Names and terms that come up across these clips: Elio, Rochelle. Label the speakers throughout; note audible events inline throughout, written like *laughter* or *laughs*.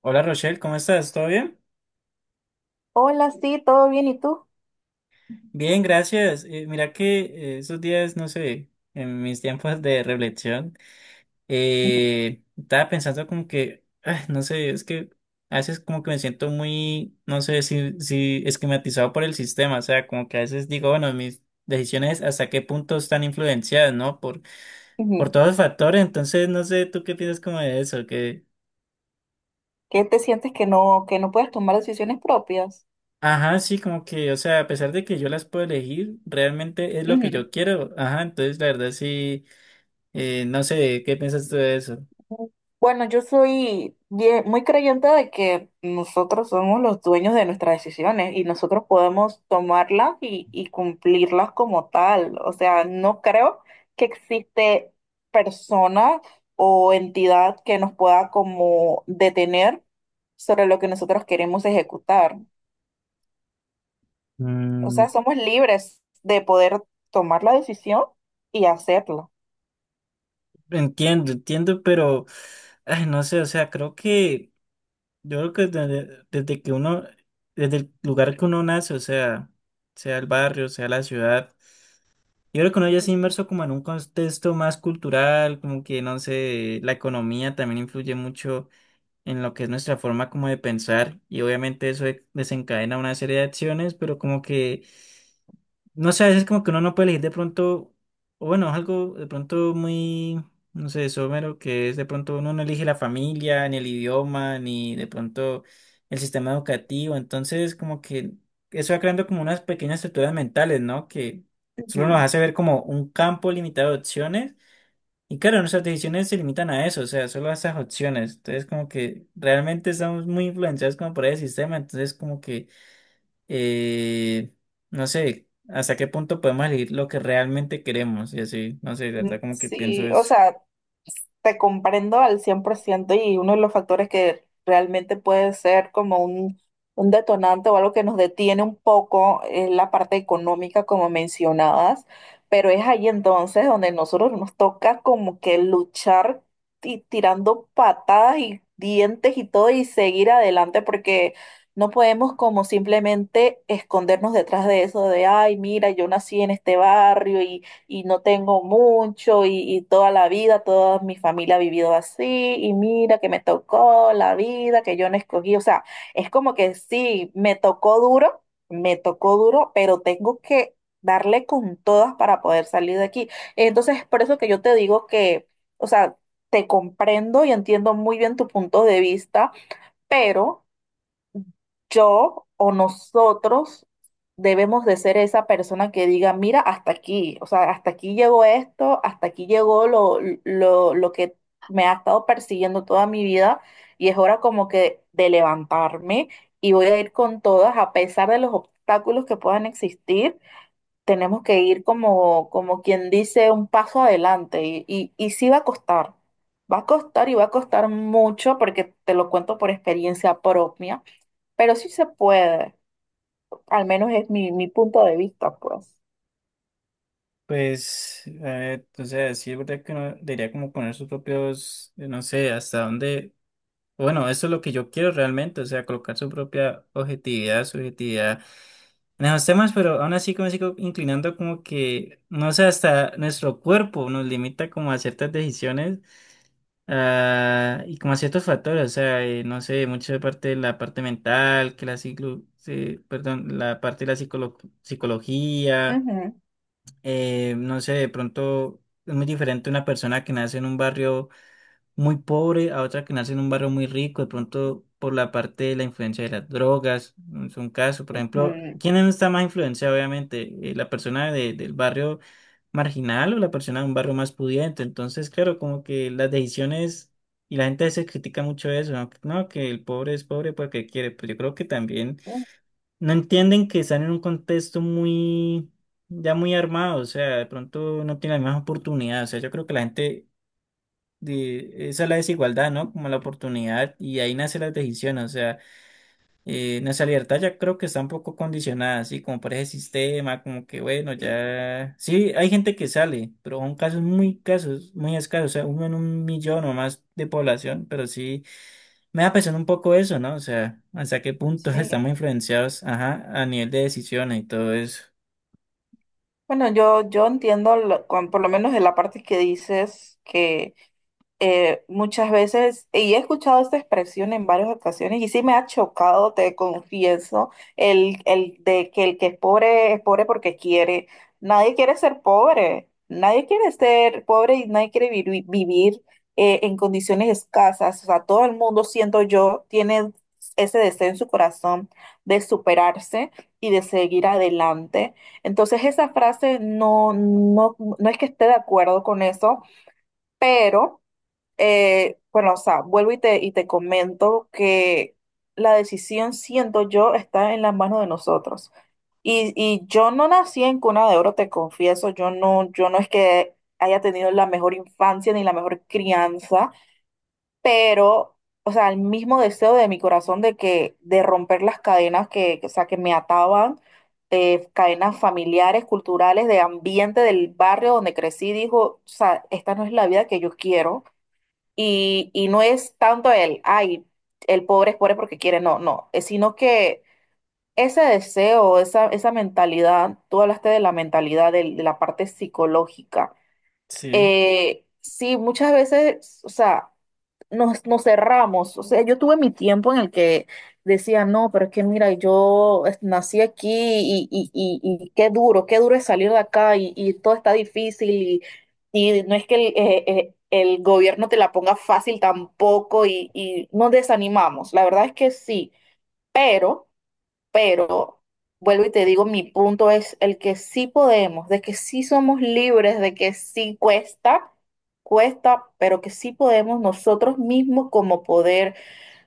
Speaker 1: Hola Rochelle, ¿cómo estás? ¿Todo bien?
Speaker 2: Hola, sí, todo bien, ¿y tú?
Speaker 1: Bien, gracias. Mira que esos días, no sé, en mis tiempos de reflexión,
Speaker 2: Ujú,
Speaker 1: estaba pensando como que, no sé, es que a veces como que me siento muy, no sé si esquematizado por el sistema, o sea, como que a veces digo, bueno, mis decisiones hasta qué punto están influenciadas, ¿no? Por
Speaker 2: ujú.
Speaker 1: todos los factores, entonces no sé, ¿tú qué piensas como de eso?
Speaker 2: ¿Qué te sientes que que no puedes tomar decisiones propias?
Speaker 1: Ajá, sí, como que, o sea, a pesar de que yo las puedo elegir, realmente es lo que
Speaker 2: Ujú.
Speaker 1: yo quiero. Ajá, entonces la verdad sí, no sé, ¿qué piensas tú de eso?
Speaker 2: Bueno, yo soy muy creyente de que nosotros somos los dueños de nuestras decisiones y nosotros podemos tomarlas y cumplirlas como tal. O sea, no creo que existe persona o entidad que nos pueda como detener sobre lo que nosotros queremos ejecutar. O
Speaker 1: Mm,
Speaker 2: sea, somos libres de poder tomar la decisión y hacerlo.
Speaker 1: entiendo, entiendo, pero, ay, no sé, o sea, creo que, yo creo que desde que uno, desde el lugar que uno nace, o sea, sea el barrio, sea la ciudad, yo creo que uno ya se inmerso como en un contexto más cultural, como que, no sé, la economía también influye mucho en lo que es nuestra forma como de pensar y obviamente desencadena una serie de acciones, pero como que, no sé, a veces como que uno no puede elegir de pronto, o bueno, es algo de pronto muy, no sé, somero, que es de pronto uno no elige la familia, ni el idioma, ni de pronto el sistema educativo, entonces como que eso va creando como unas pequeñas estructuras mentales, ¿no? Que solo nos
Speaker 2: Ujú.
Speaker 1: hace ver como un campo limitado de opciones. Y claro, nuestras decisiones se limitan a eso, o sea, solo a esas opciones. Entonces, como que realmente estamos muy influenciados como por el sistema, entonces como que, eh, no sé, hasta qué punto podemos elegir lo que realmente queremos y así, no sé, de
Speaker 2: Mm,
Speaker 1: verdad como que pienso
Speaker 2: sí, o
Speaker 1: eso.
Speaker 2: sea, te comprendo al 100% y uno de los factores que realmente puede ser como un detonante o algo que nos detiene un poco es la parte económica, como mencionabas, pero es ahí entonces donde nosotros nos toca como que luchar tirando patadas y dientes y todo y seguir adelante porque... No podemos como simplemente escondernos detrás de eso de, ay, mira, yo nací en este barrio y no tengo mucho y toda la vida, toda mi familia ha vivido así y mira que me tocó la vida que yo no escogí. O sea, es como que sí, me tocó duro, pero tengo que darle con todas para poder salir de aquí. Entonces, es por eso que yo te digo que, o sea, te comprendo y entiendo muy bien tu punto de vista, pero yo o nosotros debemos de ser esa persona que diga, mira, hasta aquí, o sea, hasta aquí llegó esto, hasta aquí llegó lo que me ha estado persiguiendo toda mi vida y es hora como que de levantarme y voy a ir con todas, a pesar de los obstáculos que puedan existir, tenemos que ir como, como quien dice, un paso adelante y sí va a costar. Va a costar y va a costar mucho porque te lo cuento por experiencia propia, pero sí se puede, al menos es mi punto de vista, pues.
Speaker 1: Pues, a ver, o sea, sí es verdad que uno debería como poner sus propios, no sé, hasta dónde, bueno, eso es lo que yo quiero realmente, o sea, colocar su propia objetividad, subjetividad en esos temas, pero aún así como me sigo inclinando como que, no sé, hasta nuestro cuerpo nos limita como a ciertas decisiones ah, y como a ciertos factores, o sea, no sé, mucho de parte de la parte mental, que la ciclo, sí, perdón, la parte de la psicología,
Speaker 2: Ujú,
Speaker 1: no sé, de pronto es muy diferente una persona que nace en un barrio muy pobre a otra que nace en un barrio muy rico, de pronto por la parte de la influencia de las drogas, mm, es un caso, por ejemplo,
Speaker 2: ujú,
Speaker 1: ¿quién no está más influenciado, obviamente? ¿La persona del barrio marginal o la persona de un barrio más pudiente? Entonces, claro, como que las decisiones, y la gente se critica mucho eso, ¿no? No, que el pobre es pobre porque quiere, pues yo creo que también
Speaker 2: ujú,
Speaker 1: no entienden que están en un contexto muy... Ya muy armado, o sea, de pronto no tienen las mismas oportunidades. O sea, yo creo que la gente esa es la desigualdad, ¿no? Como la oportunidad y ahí nacen las decisiones, o sea, nuestra libertad ya creo que está un poco condicionada, así como por ese sistema, como que bueno, ya, sí, hay gente que sale, pero son casos, muy escasos, o sea, uno en un millón o más de población, pero sí, me da pensando un poco eso, ¿no? O sea, hasta qué punto *laughs*
Speaker 2: sí.
Speaker 1: estamos influenciados, ajá, a nivel de decisiones y todo eso.
Speaker 2: Bueno, yo entiendo, por lo menos de la parte que dices que... muchas veces, y he escuchado esta expresión en varias ocasiones, y sí me ha chocado, te confieso, el de que el que es pobre porque quiere. Nadie quiere ser pobre, nadie quiere ser pobre y nadie quiere vivir en condiciones escasas. O sea, todo el mundo, siento yo, tiene ese deseo en su corazón de superarse y de seguir adelante. Entonces, esa frase no es que esté de acuerdo con eso, pero... Bueno, o sea, vuelvo y y te comento que la decisión, siento yo, está en las manos de nosotros. Y yo no nací en cuna de oro, te confieso, yo no es que haya tenido la mejor infancia ni la mejor crianza, pero, o sea, el mismo deseo de mi corazón de que, de romper las cadenas que, o sea, que me ataban, cadenas familiares, culturales, de ambiente, del barrio donde crecí, dijo, o sea, esta no es la vida que yo quiero y no es tanto el, ay, el pobre es pobre porque quiere, no, no, es sino que ese deseo, esa mentalidad, tú hablaste de la mentalidad, de la parte psicológica.
Speaker 1: Sí.
Speaker 2: Sí, muchas veces, o sea, nos cerramos. O sea, yo tuve mi tiempo en el que decía, no, pero es que mira, nací aquí y qué duro es salir de acá y todo está difícil y no es que el gobierno te la ponga fácil tampoco y nos desanimamos. La verdad es que sí, pero... Pero vuelvo y te digo, mi punto es el que sí podemos, de que sí somos libres, de que sí cuesta, cuesta, pero que sí podemos nosotros mismos como poder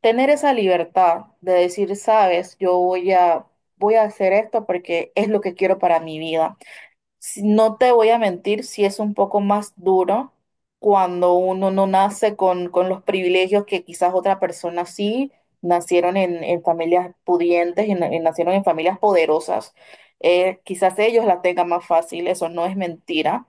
Speaker 2: tener esa libertad de decir, sabes, voy a hacer esto porque es lo que quiero para mi vida. No te voy a mentir, si es un poco más duro cuando uno no nace con los privilegios que quizás otra persona sí, nacieron en familias pudientes, nacieron en familias poderosas. Quizás ellos la tengan más fácil, eso no es mentira,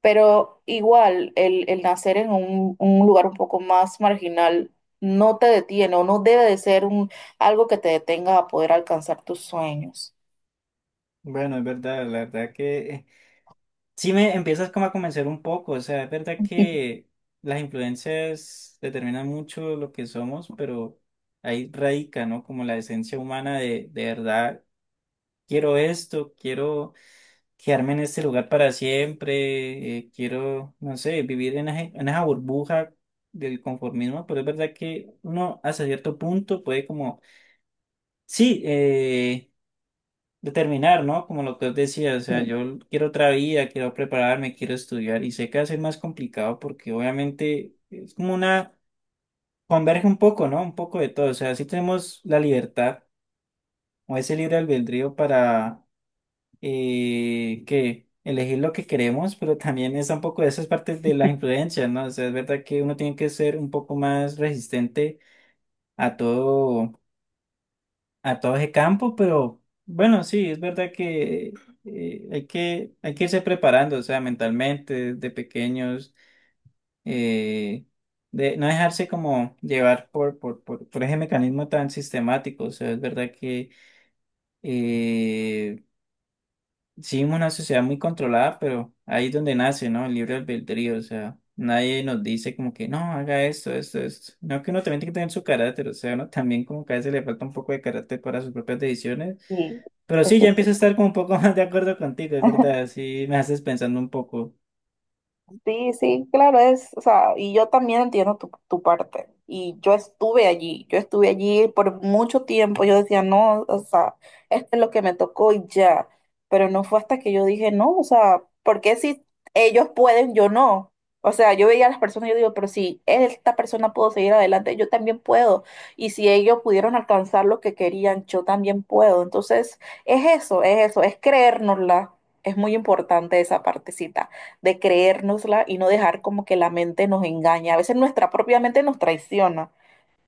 Speaker 2: pero igual el nacer en un lugar un poco más marginal no te detiene o no debe de ser un, algo que te detenga a poder alcanzar tus sueños.
Speaker 1: Bueno, es verdad, la verdad que sí me empiezas como a convencer un poco, o sea, es verdad que las influencias determinan mucho lo que somos, pero ahí radica, ¿no? Como la esencia humana de verdad, quiero esto, quiero quedarme en este lugar para siempre, quiero, no sé, vivir en, en esa burbuja del conformismo, pero es verdad que uno hasta cierto punto puede como, sí, determinar, ¿no? Como lo que os decía, o sea,
Speaker 2: *laughs*
Speaker 1: yo quiero otra vida, quiero prepararme, quiero estudiar y sé que va a ser más complicado porque obviamente es como una, converge un poco, ¿no? Un poco de todo, o sea, sí tenemos la libertad o ese libre albedrío para que elegir lo que queremos, pero también está un poco de esas partes de las influencias, ¿no? O sea, es verdad que uno tiene que ser un poco más resistente a todo a todo ese campo, pero bueno, sí, es verdad que hay que, hay que irse preparando, o sea, mentalmente, desde pequeños, eh, de no dejarse como llevar por ese mecanismo tan sistemático, o sea, es verdad que eh, sí, vivimos una sociedad muy controlada, pero ahí es donde nace, ¿no? El libre albedrío, o sea. Nadie nos dice como que no, haga esto, esto, esto. No, que uno también tiene que tener su carácter, o sea, uno también como que a veces le falta un poco de carácter para sus propias decisiones.
Speaker 2: Sí,
Speaker 1: Pero sí,
Speaker 2: eso
Speaker 1: ya
Speaker 2: sí.
Speaker 1: empiezo a estar como un poco *laughs* más de acuerdo contigo, es
Speaker 2: *laughs*
Speaker 1: verdad. Sí, me haces pensando un poco.
Speaker 2: Sí, sí, claro, es, o sea, y yo también entiendo tu parte. Y yo estuve allí por mucho tiempo. Yo decía, no, o sea, esto es lo que me tocó y ya. Pero no fue hasta que yo dije, no, o sea, ¿por qué si ellos pueden, yo no? O sea, yo veía a las personas y yo digo, pero si esta persona pudo seguir adelante, yo también puedo. Y si ellos pudieron alcanzar lo que querían, yo también puedo. Entonces, es eso, es eso, es creérnosla. Es muy importante esa partecita de creérnosla y no dejar como que la mente nos engañe. A veces nuestra propia mente nos traiciona,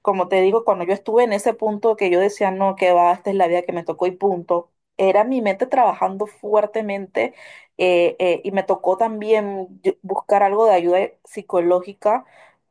Speaker 2: como te digo, cuando yo estuve en ese punto que yo decía, no, que va, esta es la vida que me tocó y punto, era mi mente trabajando fuertemente. Y me tocó también buscar algo de ayuda psicológica,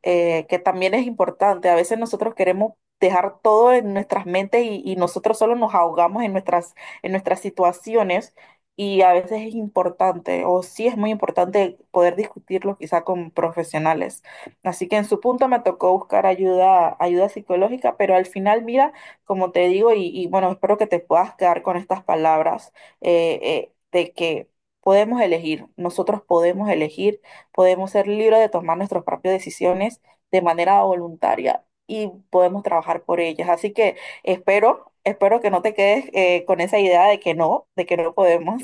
Speaker 2: que también es importante. A veces nosotros queremos dejar todo en nuestras mentes y nosotros solo nos ahogamos en en nuestras situaciones. Y a veces es importante, o sí es muy importante poder discutirlo quizá con profesionales. Así que en su punto me tocó buscar ayuda, ayuda psicológica, pero al final, mira, como te digo, y bueno, espero que te puedas quedar con estas palabras de que podemos elegir, nosotros podemos elegir, podemos ser libres de tomar nuestras propias decisiones de manera voluntaria y podemos trabajar por ellas. Así que espero, espero que no te quedes con esa idea de que no podemos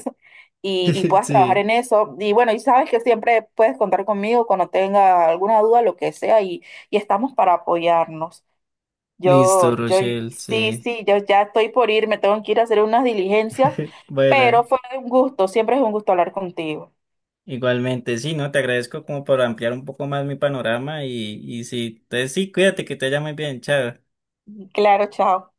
Speaker 2: y
Speaker 1: *laughs*
Speaker 2: puedas trabajar
Speaker 1: Sí,
Speaker 2: en eso. Y bueno, y sabes que siempre puedes contar conmigo cuando tenga alguna duda, lo que sea, y estamos para apoyarnos.
Speaker 1: listo,
Speaker 2: Yo, yo,
Speaker 1: Rochelle,
Speaker 2: sí,
Speaker 1: sí.
Speaker 2: sí, yo ya estoy por ir, me tengo que ir a hacer unas diligencias,
Speaker 1: *laughs*
Speaker 2: pero
Speaker 1: Bueno,
Speaker 2: fue un gusto, siempre es un gusto hablar contigo.
Speaker 1: igualmente, sí, ¿no? Te agradezco como por ampliar un poco más mi panorama y sí, entonces sí, cuídate, que te vaya muy bien, chao.
Speaker 2: Claro, chao.